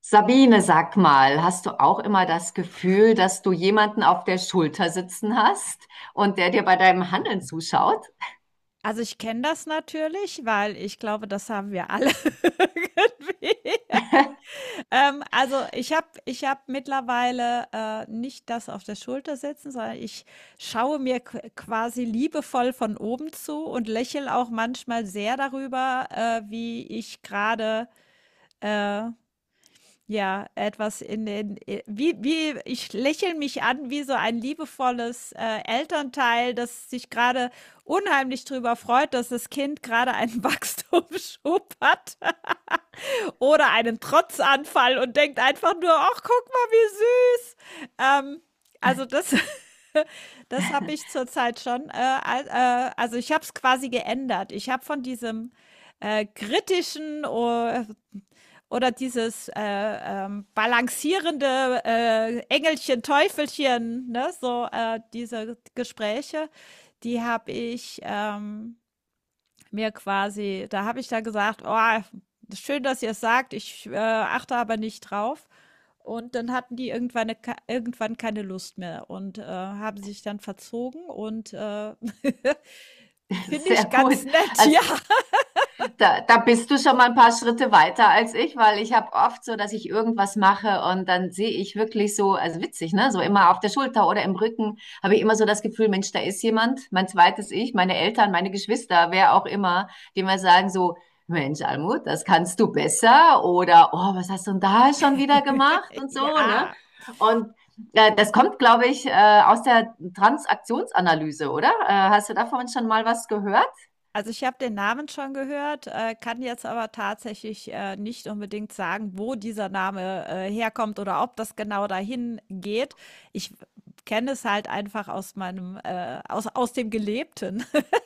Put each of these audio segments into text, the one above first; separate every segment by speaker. Speaker 1: Sabine, sag mal, hast du auch immer das Gefühl, dass du jemanden auf der Schulter sitzen hast und der dir bei deinem Handeln zuschaut?
Speaker 2: Also, ich kenne das natürlich, weil ich glaube, das haben wir alle irgendwie. Also, ich habe mittlerweile, nicht das auf der Schulter sitzen, sondern ich schaue mir qu quasi liebevoll von oben zu und lächle auch manchmal sehr darüber, wie ich gerade. Äh, Ja, etwas in den wie ich lächle mich an wie so ein liebevolles, Elternteil, das sich gerade unheimlich drüber freut, dass das Kind gerade einen Wachstumsschub hat oder einen Trotzanfall und denkt einfach nur: „Ach, guck mal, wie süß.“ Ähm, also, das das habe ich zurzeit schon, al also, ich habe es quasi geändert. Ich habe von diesem kritischen, oder dieses balancierende Engelchen, Teufelchen, ne? So diese Gespräche, die habe ich mir quasi, da habe ich da gesagt, oh, schön, dass ihr es sagt, ich achte aber nicht drauf. Und dann hatten die irgendwann keine Lust mehr und haben sich dann verzogen und finde
Speaker 1: Sehr
Speaker 2: ich ganz
Speaker 1: gut.
Speaker 2: nett,
Speaker 1: Also,
Speaker 2: ja.
Speaker 1: da, da bist du schon mal ein paar Schritte weiter als ich, weil ich habe oft so, dass ich irgendwas mache und dann sehe ich wirklich so, also witzig, ne? So immer auf der Schulter oder im Rücken habe ich immer so das Gefühl, Mensch, da ist jemand, mein zweites Ich, meine Eltern, meine Geschwister, wer auch immer, die mir sagen so, Mensch, Almut, das kannst du besser oder oh, was hast du denn da schon wieder gemacht und so, ne?
Speaker 2: Ja,
Speaker 1: Und das kommt, glaube ich, aus der Transaktionsanalyse, oder? Hast du davon schon mal was gehört?
Speaker 2: also, ich habe den Namen schon gehört, kann jetzt aber tatsächlich, nicht unbedingt sagen, wo dieser Name, herkommt oder ob das genau dahin geht. Ich kenne es halt einfach aus meinem, aus dem Gelebten.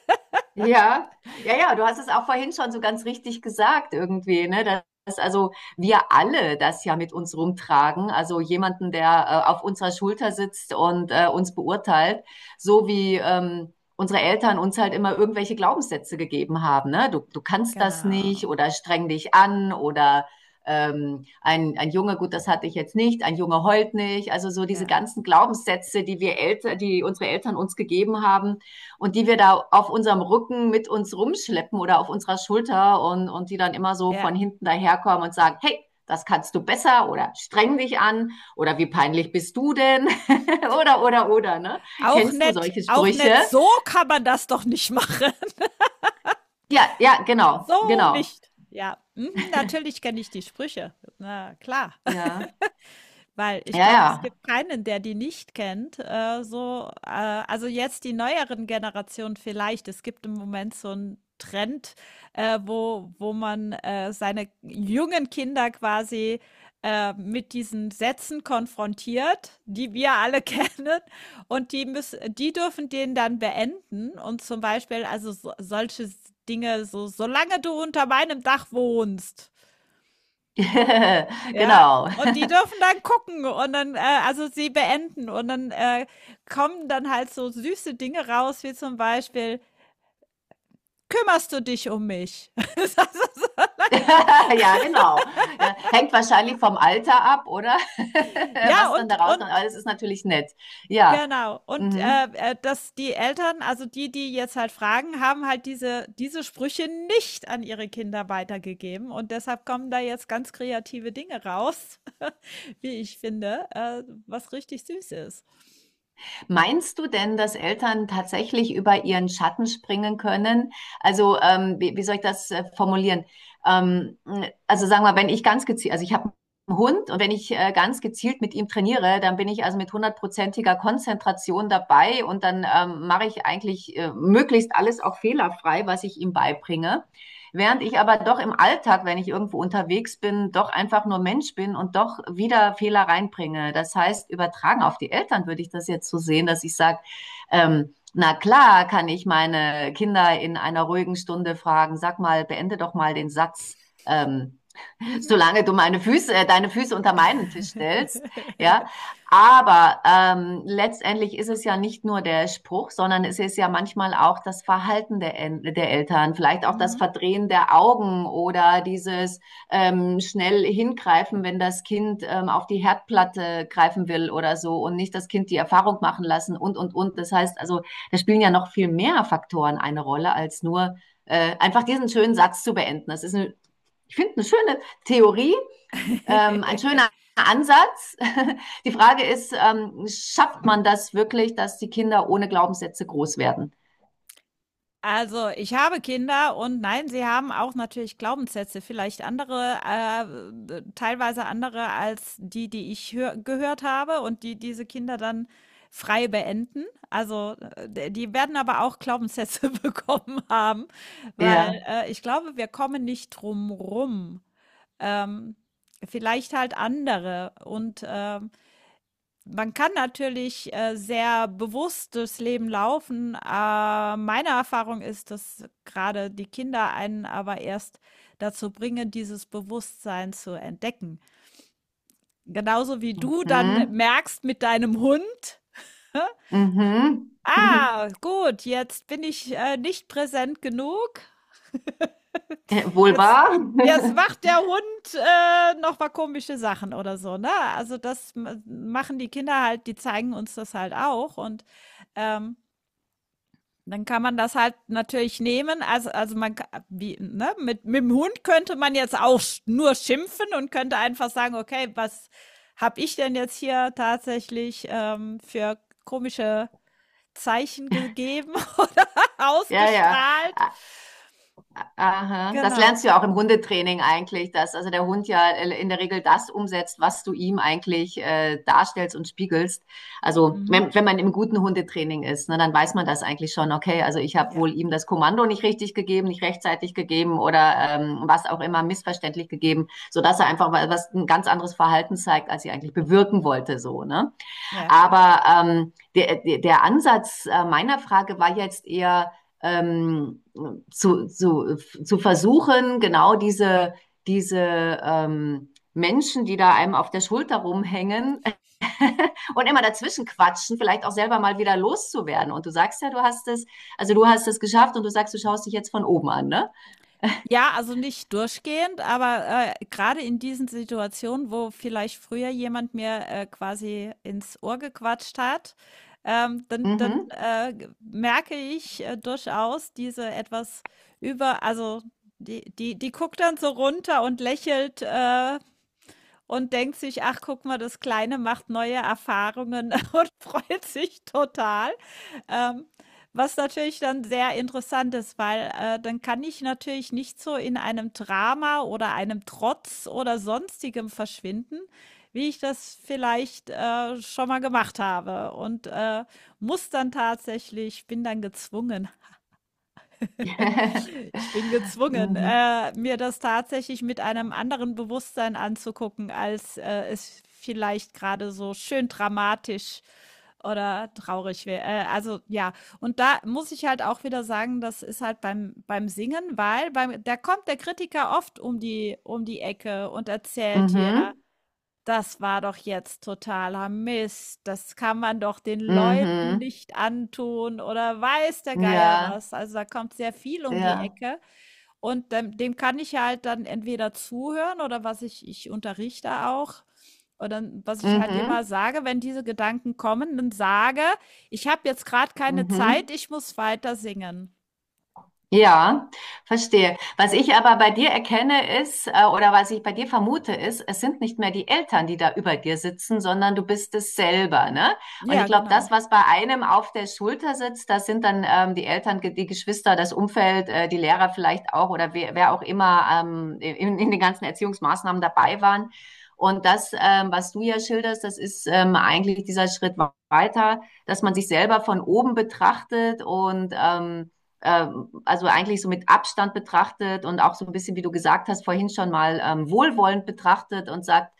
Speaker 1: Ja, ja, du hast es auch vorhin schon so ganz richtig gesagt irgendwie, ne? Dass also wir alle das ja mit uns rumtragen, also jemanden, der auf unserer Schulter sitzt und uns beurteilt, so wie unsere Eltern uns halt immer irgendwelche Glaubenssätze gegeben haben, ne? Du kannst das nicht
Speaker 2: Genau.
Speaker 1: oder streng dich an oder ein Junge, gut, das hatte ich jetzt nicht, ein Junge heult nicht, also so diese
Speaker 2: Ja.
Speaker 1: ganzen Glaubenssätze, die wir Eltern, die unsere Eltern uns gegeben haben und die wir da auf unserem Rücken mit uns rumschleppen oder auf unserer Schulter und die dann immer so
Speaker 2: Ja.
Speaker 1: von hinten daherkommen und sagen, hey, das kannst du besser oder streng dich an oder wie peinlich bist du denn oder oder ne,
Speaker 2: Auch
Speaker 1: kennst du
Speaker 2: nett,
Speaker 1: solche
Speaker 2: auch
Speaker 1: Sprüche?
Speaker 2: nett. So kann man das doch nicht machen.
Speaker 1: Ja, ja, genau,
Speaker 2: So
Speaker 1: genau.
Speaker 2: nicht. Ja. Mhm. Natürlich kenne ich die Sprüche. Na klar.
Speaker 1: Ja,
Speaker 2: Weil ich glaube, es
Speaker 1: ja,
Speaker 2: gibt keinen, der die nicht kennt. Also jetzt die neueren Generationen vielleicht. Es gibt im Moment so einen Trend, wo man seine jungen Kinder quasi mit diesen Sätzen konfrontiert, die wir alle kennen. Und die dürfen den dann beenden. Und zum Beispiel, also so, solche Dinge, so, solange du unter meinem Dach wohnst.
Speaker 1: ja.
Speaker 2: Ja,
Speaker 1: Genau.
Speaker 2: und die dürfen dann gucken und dann also, sie beenden und dann, kommen dann halt so süße Dinge raus, wie zum Beispiel: „Kümmerst du dich um mich?“ Solange du
Speaker 1: Ja, genau. Ja, hängt wahrscheinlich vom Alter ab, oder?
Speaker 2: ja,
Speaker 1: Was dann
Speaker 2: und
Speaker 1: da
Speaker 2: und
Speaker 1: rauskommt. Aber das ist natürlich nett. Ja.
Speaker 2: genau. Und,
Speaker 1: Mhm.
Speaker 2: dass die Eltern, also, die jetzt halt fragen, haben halt diese Sprüche nicht an ihre Kinder weitergegeben und deshalb kommen da jetzt ganz kreative Dinge raus, wie ich finde, was richtig süß ist.
Speaker 1: Meinst du denn, dass Eltern tatsächlich über ihren Schatten springen können? Also, wie soll ich das formulieren? Ähm, also sagen wir, wenn ich ganz gezielt, also ich habe einen Hund und wenn ich ganz gezielt mit ihm trainiere, dann bin ich also mit hundertprozentiger Konzentration dabei und dann mache ich eigentlich möglichst alles auch fehlerfrei, was ich ihm beibringe. Während ich aber doch im Alltag, wenn ich irgendwo unterwegs bin, doch einfach nur Mensch bin und doch wieder Fehler reinbringe. Das heißt, übertragen auf die Eltern würde ich das jetzt so sehen, dass ich sage, na klar kann ich meine Kinder in einer ruhigen Stunde fragen, sag mal, beende doch mal den Satz. Ähm,
Speaker 2: Mhm.
Speaker 1: solange du meine Füße, deine Füße unter meinen Tisch stellst, ja. Aber letztendlich ist es ja nicht nur der Spruch, sondern es ist ja manchmal auch das Verhalten der Eltern, vielleicht auch das
Speaker 2: Mhm.
Speaker 1: Verdrehen der Augen oder dieses schnell hingreifen, wenn das Kind auf die Herdplatte greifen will oder so und nicht das Kind die Erfahrung machen lassen und, und. Das heißt also, da spielen ja noch viel mehr Faktoren eine Rolle als nur einfach diesen schönen Satz zu beenden. Das ist eine, ich finde, eine schöne Theorie, ein schöner Ansatz. Die Frage ist, schafft man das wirklich, dass die Kinder ohne Glaubenssätze groß werden?
Speaker 2: Also, ich habe Kinder und nein, sie haben auch natürlich Glaubenssätze, vielleicht andere, teilweise andere als die, die ich hör gehört habe und die diese Kinder dann frei beenden. Also, die werden aber auch Glaubenssätze bekommen haben, weil
Speaker 1: Ja.
Speaker 2: ich glaube, wir kommen nicht drum rum. Ähm, Vielleicht halt andere und man kann natürlich, sehr bewusst durchs Leben laufen. Meine Erfahrung ist, dass gerade die Kinder einen aber erst dazu bringen, dieses Bewusstsein zu entdecken. Genauso wie du dann
Speaker 1: Hm.
Speaker 2: merkst mit deinem Hund,
Speaker 1: Mhm.
Speaker 2: „Ah, gut, jetzt bin ich, nicht präsent genug.
Speaker 1: Wohl
Speaker 2: Jetzt
Speaker 1: wahr?
Speaker 2: jetzt macht der Hund, noch mal komische Sachen“ oder so, ne? Also, das ma machen die Kinder halt, die zeigen uns das halt auch und, ähm Dann kann man das halt natürlich nehmen. Also man, ka- wie, ne, mit dem Hund könnte man jetzt auch nur schimpfen und könnte einfach sagen, okay, was habe ich denn jetzt hier tatsächlich für komische Zeichen gegeben oder
Speaker 1: Ja, ja.
Speaker 2: ausgestrahlt?
Speaker 1: Aha. Das
Speaker 2: Genau.
Speaker 1: lernst du ja auch im Hundetraining eigentlich, dass also der Hund ja in der Regel das umsetzt, was du ihm eigentlich darstellst und spiegelst. Also
Speaker 2: Mhm.
Speaker 1: wenn man im guten Hundetraining ist, ne, dann weiß man das eigentlich schon, okay, also ich habe
Speaker 2: Ja,
Speaker 1: wohl ihm das Kommando nicht richtig gegeben, nicht rechtzeitig gegeben oder was auch immer missverständlich gegeben, sodass er einfach was ein ganz anderes Verhalten zeigt, als ich eigentlich bewirken wollte, so, ne?
Speaker 2: ja.
Speaker 1: Aber der Ansatz meiner Frage war jetzt eher ähm, zu versuchen, genau diese Menschen, die da einem auf der Schulter rumhängen und immer dazwischen quatschen, vielleicht auch selber mal wieder loszuwerden. Und du sagst ja, du hast also du hast es geschafft und du sagst, du schaust dich jetzt von oben an, ne?
Speaker 2: Ja, also nicht durchgehend, aber gerade in diesen Situationen, wo vielleicht früher jemand mir quasi ins Ohr gequatscht hat, dann
Speaker 1: Mhm.
Speaker 2: merke ich durchaus diese also die, die guckt dann so runter und lächelt. Und denkt sich: „Ach, guck mal, das Kleine macht neue Erfahrungen“ und freut sich total. Ähm, Was natürlich dann sehr interessant ist, weil, dann kann ich natürlich nicht so in einem Drama oder einem Trotz oder Sonstigem verschwinden, wie ich das vielleicht, schon mal gemacht habe und, muss dann tatsächlich bin dann gezwungen Ich bin gezwungen,
Speaker 1: Mhm.
Speaker 2: mir das tatsächlich mit einem anderen Bewusstsein anzugucken, als, es vielleicht gerade so schön dramatisch oder traurig wäre. Also, ja. Und da muss ich halt auch wieder sagen, das ist halt beim Singen, weil beim da kommt der Kritiker oft um die Ecke und erzählt dir,
Speaker 1: Mhm.
Speaker 2: das war doch jetzt totaler Mist. Das kann man doch den Leuten
Speaker 1: Mhm.
Speaker 2: nicht antun oder weiß der Geier
Speaker 1: Ja,
Speaker 2: was. Also, da kommt sehr viel um die
Speaker 1: ja.
Speaker 2: Ecke und dem kann ich ja halt dann entweder zuhören oder was ich unterrichte auch und dann, was ich halt immer
Speaker 1: Mhm.
Speaker 2: sage, wenn diese Gedanken kommen, dann sage: „Ich habe jetzt gerade keine Zeit,
Speaker 1: Mhm.
Speaker 2: ich muss weiter singen.“
Speaker 1: Ja, verstehe. Was ich aber bei dir erkenne ist, oder was ich bei dir vermute ist, es sind nicht mehr die Eltern, die da über dir sitzen, sondern du bist es selber, ne? Und ich
Speaker 2: Ja,
Speaker 1: glaube,
Speaker 2: genau.
Speaker 1: das, was bei einem auf der Schulter sitzt, das sind dann die Eltern, die Geschwister, das Umfeld, die Lehrer vielleicht auch oder wer auch immer in den ganzen Erziehungsmaßnahmen dabei waren. Und das, was du ja schilderst, das ist eigentlich dieser Schritt weiter, dass man sich selber von oben betrachtet und also eigentlich so mit Abstand betrachtet und auch so ein bisschen, wie du gesagt hast, vorhin schon mal wohlwollend betrachtet und sagt,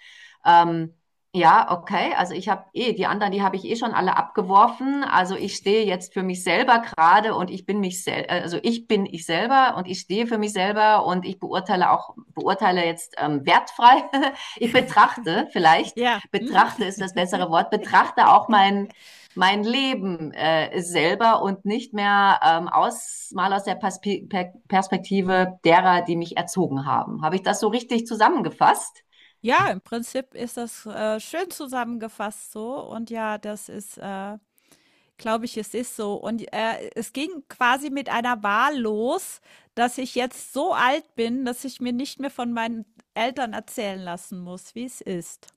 Speaker 1: ähm, ja, okay, also ich habe eh, die anderen, die habe ich eh schon alle abgeworfen. Also ich stehe jetzt für mich selber gerade und ich bin mich selber, also ich bin ich selber und ich stehe für mich selber und ich beurteile auch, beurteile jetzt wertfrei. Ich betrachte vielleicht,
Speaker 2: Ja, mhm.
Speaker 1: betrachte ist das bessere Wort, betrachte auch mein Leben selber und nicht mehr aus, mal aus der Perspektive derer, die mich erzogen haben. Habe ich das so richtig zusammengefasst?
Speaker 2: Ja, im Prinzip ist das, schön zusammengefasst so und ja, das ist, glaube ich, es ist so. Und, es ging quasi mit einer Wahl los, dass ich jetzt so alt bin, dass ich mir nicht mehr von meinen Eltern erzählen lassen muss, wie es ist.